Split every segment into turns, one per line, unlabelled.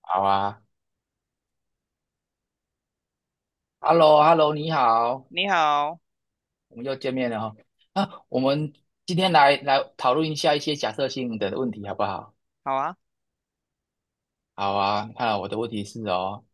好啊，hello hello 你好，
你好。
我们又见面了哈。我们今天来讨论一下一些假设性的问题，好不好？
好啊。
好啊，你看啊我的问题是哦，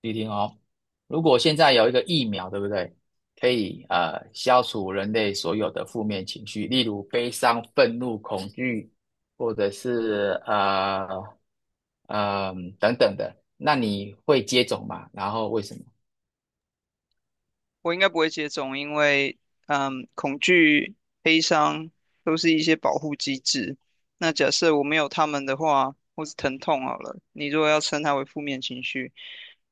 你听哦，如果现在有一个疫苗，对不对？可以消除人类所有的负面情绪，例如悲伤、愤怒、恐惧，或者是等等的，那你会接种吗？然后为什么？
我应该不会接种，因为恐惧、悲伤都是一些保护机制。那假设我没有他们的话，或是疼痛好了，你如果要称它为负面情绪，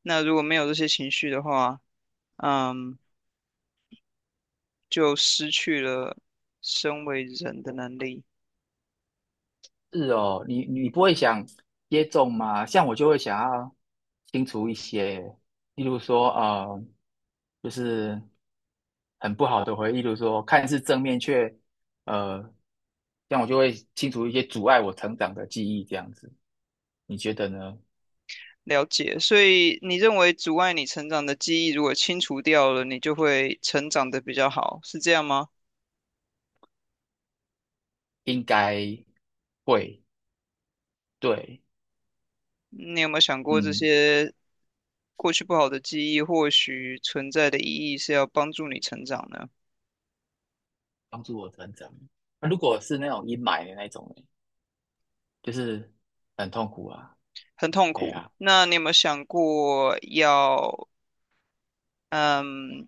那如果没有这些情绪的话，嗯，就失去了身为人的能力。
是哦，你不会想接种吗？像我就会想要清除一些，例如说就是很不好的回忆，例如说看似正面却呃，这样我就会清除一些阻碍我成长的记忆，这样子，你觉得呢？
了解。所以你认为阻碍你成长的记忆，如果清除掉了，你就会成长得比较好，是这样吗？
应该会，对，
你有没有想过这
嗯，
些过去不好的记忆或许存在的意义是要帮助你成长呢？
帮助我成长。那如果是那种阴霾的那种呢，就是很痛苦啊，
很痛
哎
苦。
呀，
那你有没有想过要嗯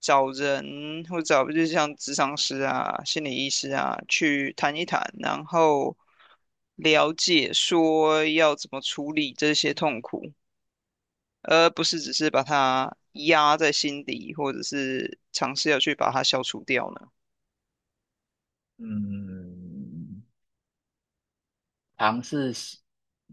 找人或找就是像咨商师啊、心理医师啊去谈一谈，然后了解说要怎么处理这些痛苦，而不是只是把它压在心底，或者是尝试要去把它消除掉呢？
嗯。尝试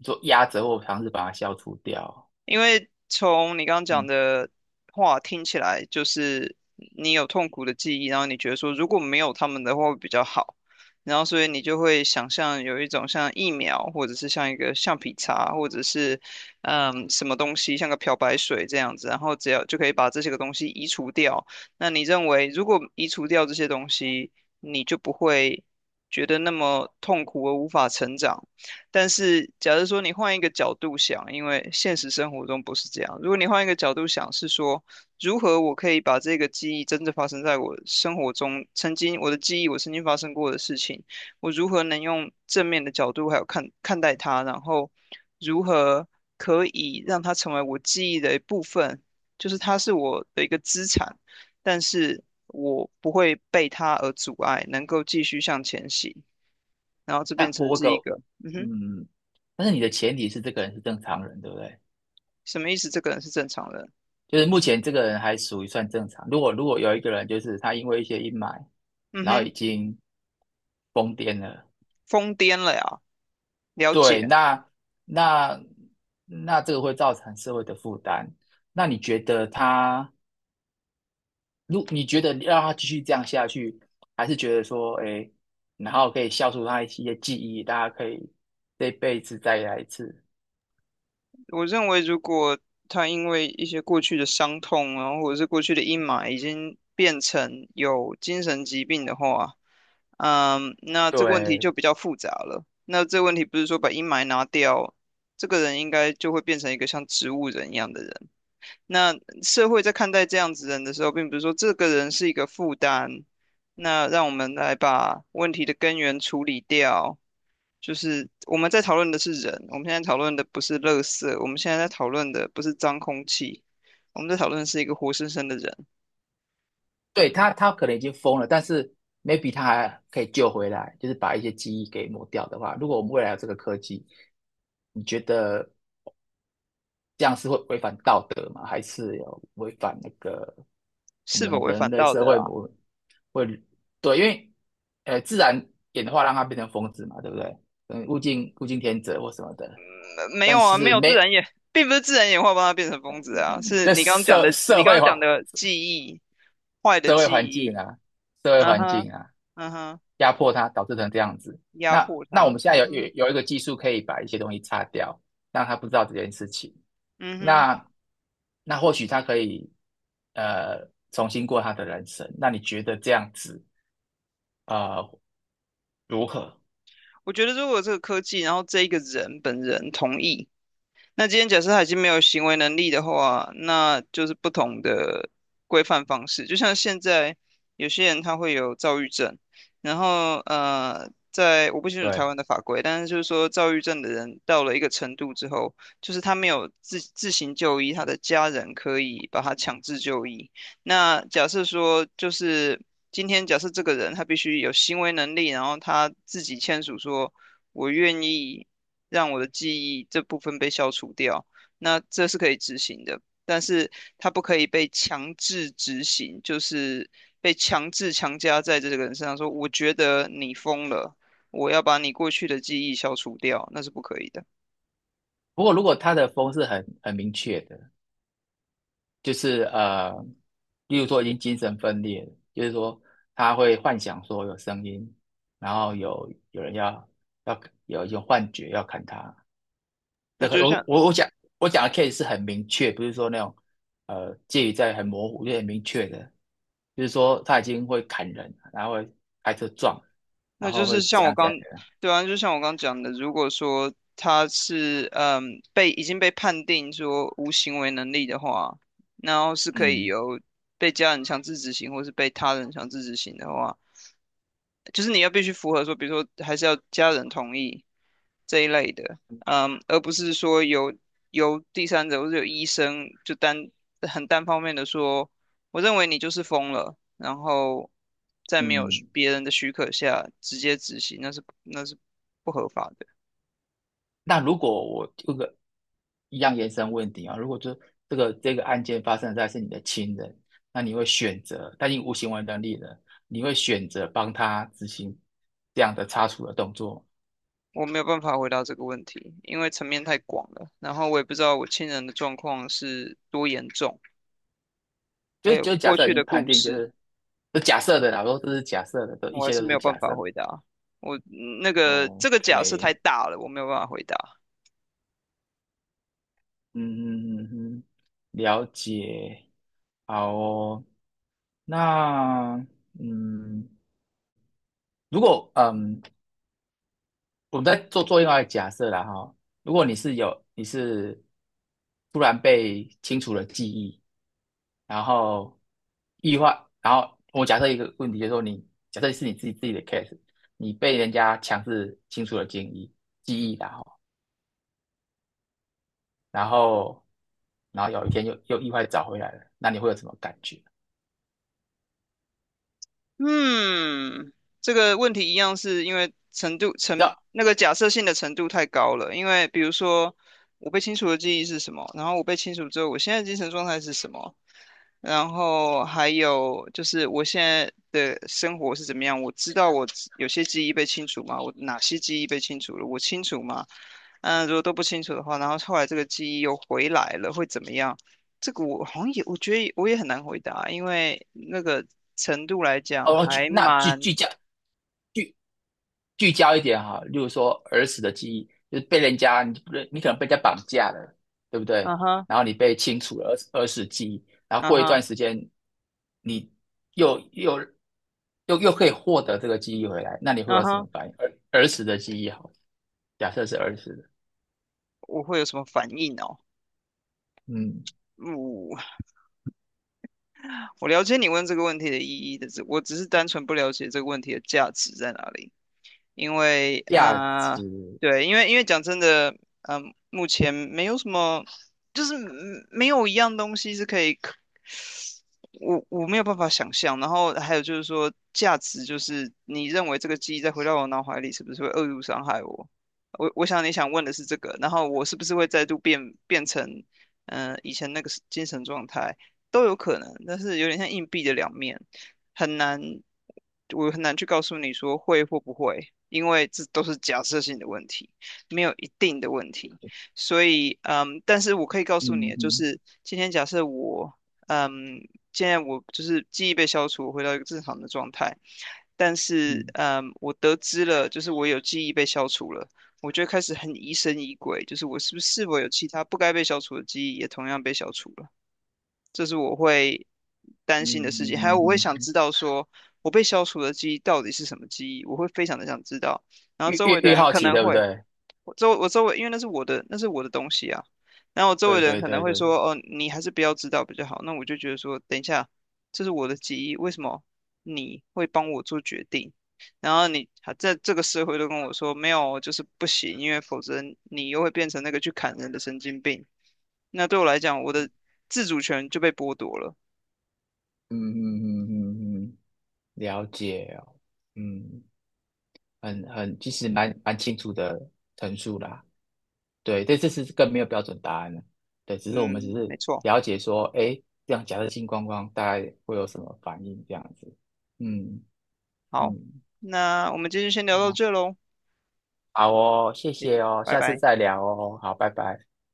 做压折或尝试把它消除掉。
因为从你刚刚讲
嗯，
的话听起来，就是你有痛苦的记忆，然后你觉得说如果没有他们的话会比较好，然后所以你就会想象有一种像疫苗，或者是像一个橡皮擦，或者是什么东西，像个漂白水这样子，然后只要就可以把这些个东西移除掉。那你认为如果移除掉这些东西，你就不会觉得那么痛苦而无法成长？但是，假如说你换一个角度想，因为现实生活中不是这样。如果你换一个角度想，是说如何我可以把这个记忆真正发生在我生活中，曾经我的记忆，我曾经发生过的事情，我如何能用正面的角度还有看待它，然后如何可以让它成为我记忆的一部分，就是它是我的一个资产，但是我不会被它而阻碍，能够继续向前行，然后这变
但我
成
我
是一
个
个。嗯哼。
嗯，但是你的前提是这个人是正常人，对不对？
什么意思？这个人是正常人？
就是目前这个人还属于算正常。如果有一个人，就是他因为一些阴霾，
嗯
然后
哼。
已经疯癫了，
疯癫了呀！了
对，
解。
那那这个会造成社会的负担。那你觉得他？如你觉得让他继续这样下去，还是觉得说，哎，然后可以消除他一些记忆，大家可以这辈子再来一次。
我认为，如果他因为一些过去的伤痛啊，然后或者是过去的阴霾，已经变成有精神疾病的话，那这个问题
对，
就比较复杂了。那这个问题不是说把阴霾拿掉，这个人应该就会变成一个像植物人一样的人。那社会在看待这样子人的时候，并不是说这个人是一个负担，那让我们来把问题的根源处理掉。就是我们在讨论的是人，我们现在讨论的不是垃圾，我们现在在讨论的不是脏空气，我们在讨论的是一个活生生的人。
对他，他可能已经疯了，但是 maybe 他还可以救回来，就是把一些记忆给抹掉的话，如果我们未来有这个科技，你觉得这样是会违反道德吗？还是有违反那个我
是否
们
违
人
反
类
道
社
德
会
啊？
会对，因为自然演化让它变成疯子嘛，对不对？嗯，物竞天择或什么的，
没
但
有啊，没
是
有自
没
然演，并不是自然演化帮他变成疯子啊，是
这
你刚刚讲
社
的，
社会环
记忆，坏的
社会
记
环境
忆。
啊，社会
嗯
环
哼。
境啊，
嗯哼。
压迫他，导致成这样子。
压
那
迫
那我
他。
们现在
嗯
有
哼。
有有一个技术可以把一些东西擦掉，让他不知道这件事情。
嗯哼。
那那或许他可以重新过他的人生。那你觉得这样子呃如何？
我觉得如果这个科技，然后这一个人本人同意。那今天假设他已经没有行为能力的话，那就是不同的规范方式。就像现在有些人他会有躁郁症，然后在我不清楚台
对。
湾的法规，但是就是说躁郁症的人到了一个程度之后，就是他没有自行就医，他的家人可以把他强制就医。那假设说就是今天假设这个人他必须有行为能力，然后他自己签署说，我愿意让我的记忆这部分被消除掉，那这是可以执行的，但是它不可以被强制执行，就是被强制强加在这个人身上说，我觉得你疯了，我要把你过去的记忆消除掉，那是不可以的。
不过如果他的风是很明确的，就是例如说已经精神分裂了就是说他会幻想说有声音，然后有人要有一种幻觉要砍他，
那
对，
就像，
我讲的 case 是很明确，不是说那种介于在很模糊，就很明确的，就是说他已经会砍人，然后会开车撞，
那
然
就
后
是
会怎
像我
样怎
刚，
样怎样。
对啊，就像我刚讲的，如果说他是被已经被判定说无行为能力的话，然后是可以
嗯
由被家人强制执行或是被他人强制执行的话。就是你要必须符合说，比如说还是要家人同意这一类的，而不是说由第三者或者有医生就很单方面的说，我认为你就是疯了，然后在没有
嗯，
别人的许可下直接执行，那是不合法的。
那如果我这个一样延伸问题啊，如果就这个案件发生在是你的亲人，那你会选择，但你无行为能力了，你会选择帮他执行这样的擦除的动作吗
我没有办法回答这个问题，因为层面太广了，然后我也不知道我亲人的状况是多严重，还
就
有
就假
过
设已
去
经
的
判
故
定，就
事。
是就假设的啦，都是假设的，都一
我还
切
是
都
没
是
有办
假
法
设的。
回答。我嗯那个这个假设太
OK，
大了，我没有办法回答。
嗯嗯嗯嗯，了解，好哦。那嗯，如果我们再做做另外一个假设啦哈，如果你是突然被清除了记忆，然后意外。然后我假设一个问题，就是说你假设是你自己的 case，你被人家强制清除了记忆啦然后，然后有一天又意外地找回来了，那你会有什么感觉？你
嗯，这个问题一样是因为程度
知
程
道
那个假设性的程度太高了。因为比如说，我被清除的记忆是什么？然后我被清除之后，我现在的精神状态是什么？然后还有就是我现在的生活是怎么样？我知道我有些记忆被清除吗？我哪些记忆被清除了？我清楚吗？如果都不清楚的话，然后后来这个记忆又回来了，会怎么样？这个我好像也，我觉得我也很难回答，因为那个程度来讲
哦，具
还
那具
蛮。
具象聚焦一点哈，例如说儿时的记忆，就是被人家你你可能被人家绑架了，对不对？
嗯哼。
然后你被清除了儿时记忆，然后
嗯
过一
哼。
段时间，你又又又可以获得这个记忆回来，那你会
嗯
有什么
哼。
反应？儿时的记忆好，假设是儿时的，
我会有什么反应哦？
嗯，
我我了解你问这个问题的意义的，我只是单纯不了解这个问题的价值在哪里。因为
价值，
对，因为讲真的，目前没有什么，就是没有一样东西是可以可，我没有办法想象。然后还有就是说，价值就是你认为这个记忆再回到我脑海里，是不是会恶意伤害我？我想你想问的是这个，然后我是不是会再度变成，以前那个精神状态都有可能，但是有点像硬币的两面，很难，我很难去告诉你说会或不会。因为这都是假设性的问题，没有一定的问题。所以，但是我可以告诉你，
嗯
就
嗯
是今天假设我，嗯，现在我就是记忆被消除，我回到一个正常的状态，但是，
嗯
我得知了，就是我有记忆被消除了，我就会开始很疑神疑鬼，就是我是否有其他不该被消除的记忆也同样被消除了。这是我会担
嗯
心的事
嗯
情。还有，我会
嗯
想
嗯，
知道说，我被消除的记忆到底是什么记忆，我会非常的想知道。然后
越
周
越
围的
越
人
好
可
奇，
能
对不
会，
对？
我周围，因为那是我的，那是我的东西啊。然后我周围
对
的人
对
可能
对
会
对
说，
对，
哦，你还是不要知道比较好。那我就觉得说，等一下，这是我的记忆，为什么你会帮我做决定？然后你还在这个社会都跟我说没有，就是不行，因为否则你又会变成那个去砍人的神经病。那对我来讲，我的自主权就被剥夺了。
嗯嗯嗯嗯嗯，了解哦，嗯。很其实蛮清楚的陈述啦。对，对，这是更没有标准答案了。对，只是我们只
嗯，
是
没错。
了解说，哎，这样假设金光光大概会有什么反应这样子。嗯
好，
嗯，
那我们今天先聊到
好，
这喽。
好哦，谢
谢
谢
谢，
哦，
拜
下次
拜。
再聊哦，好，拜拜。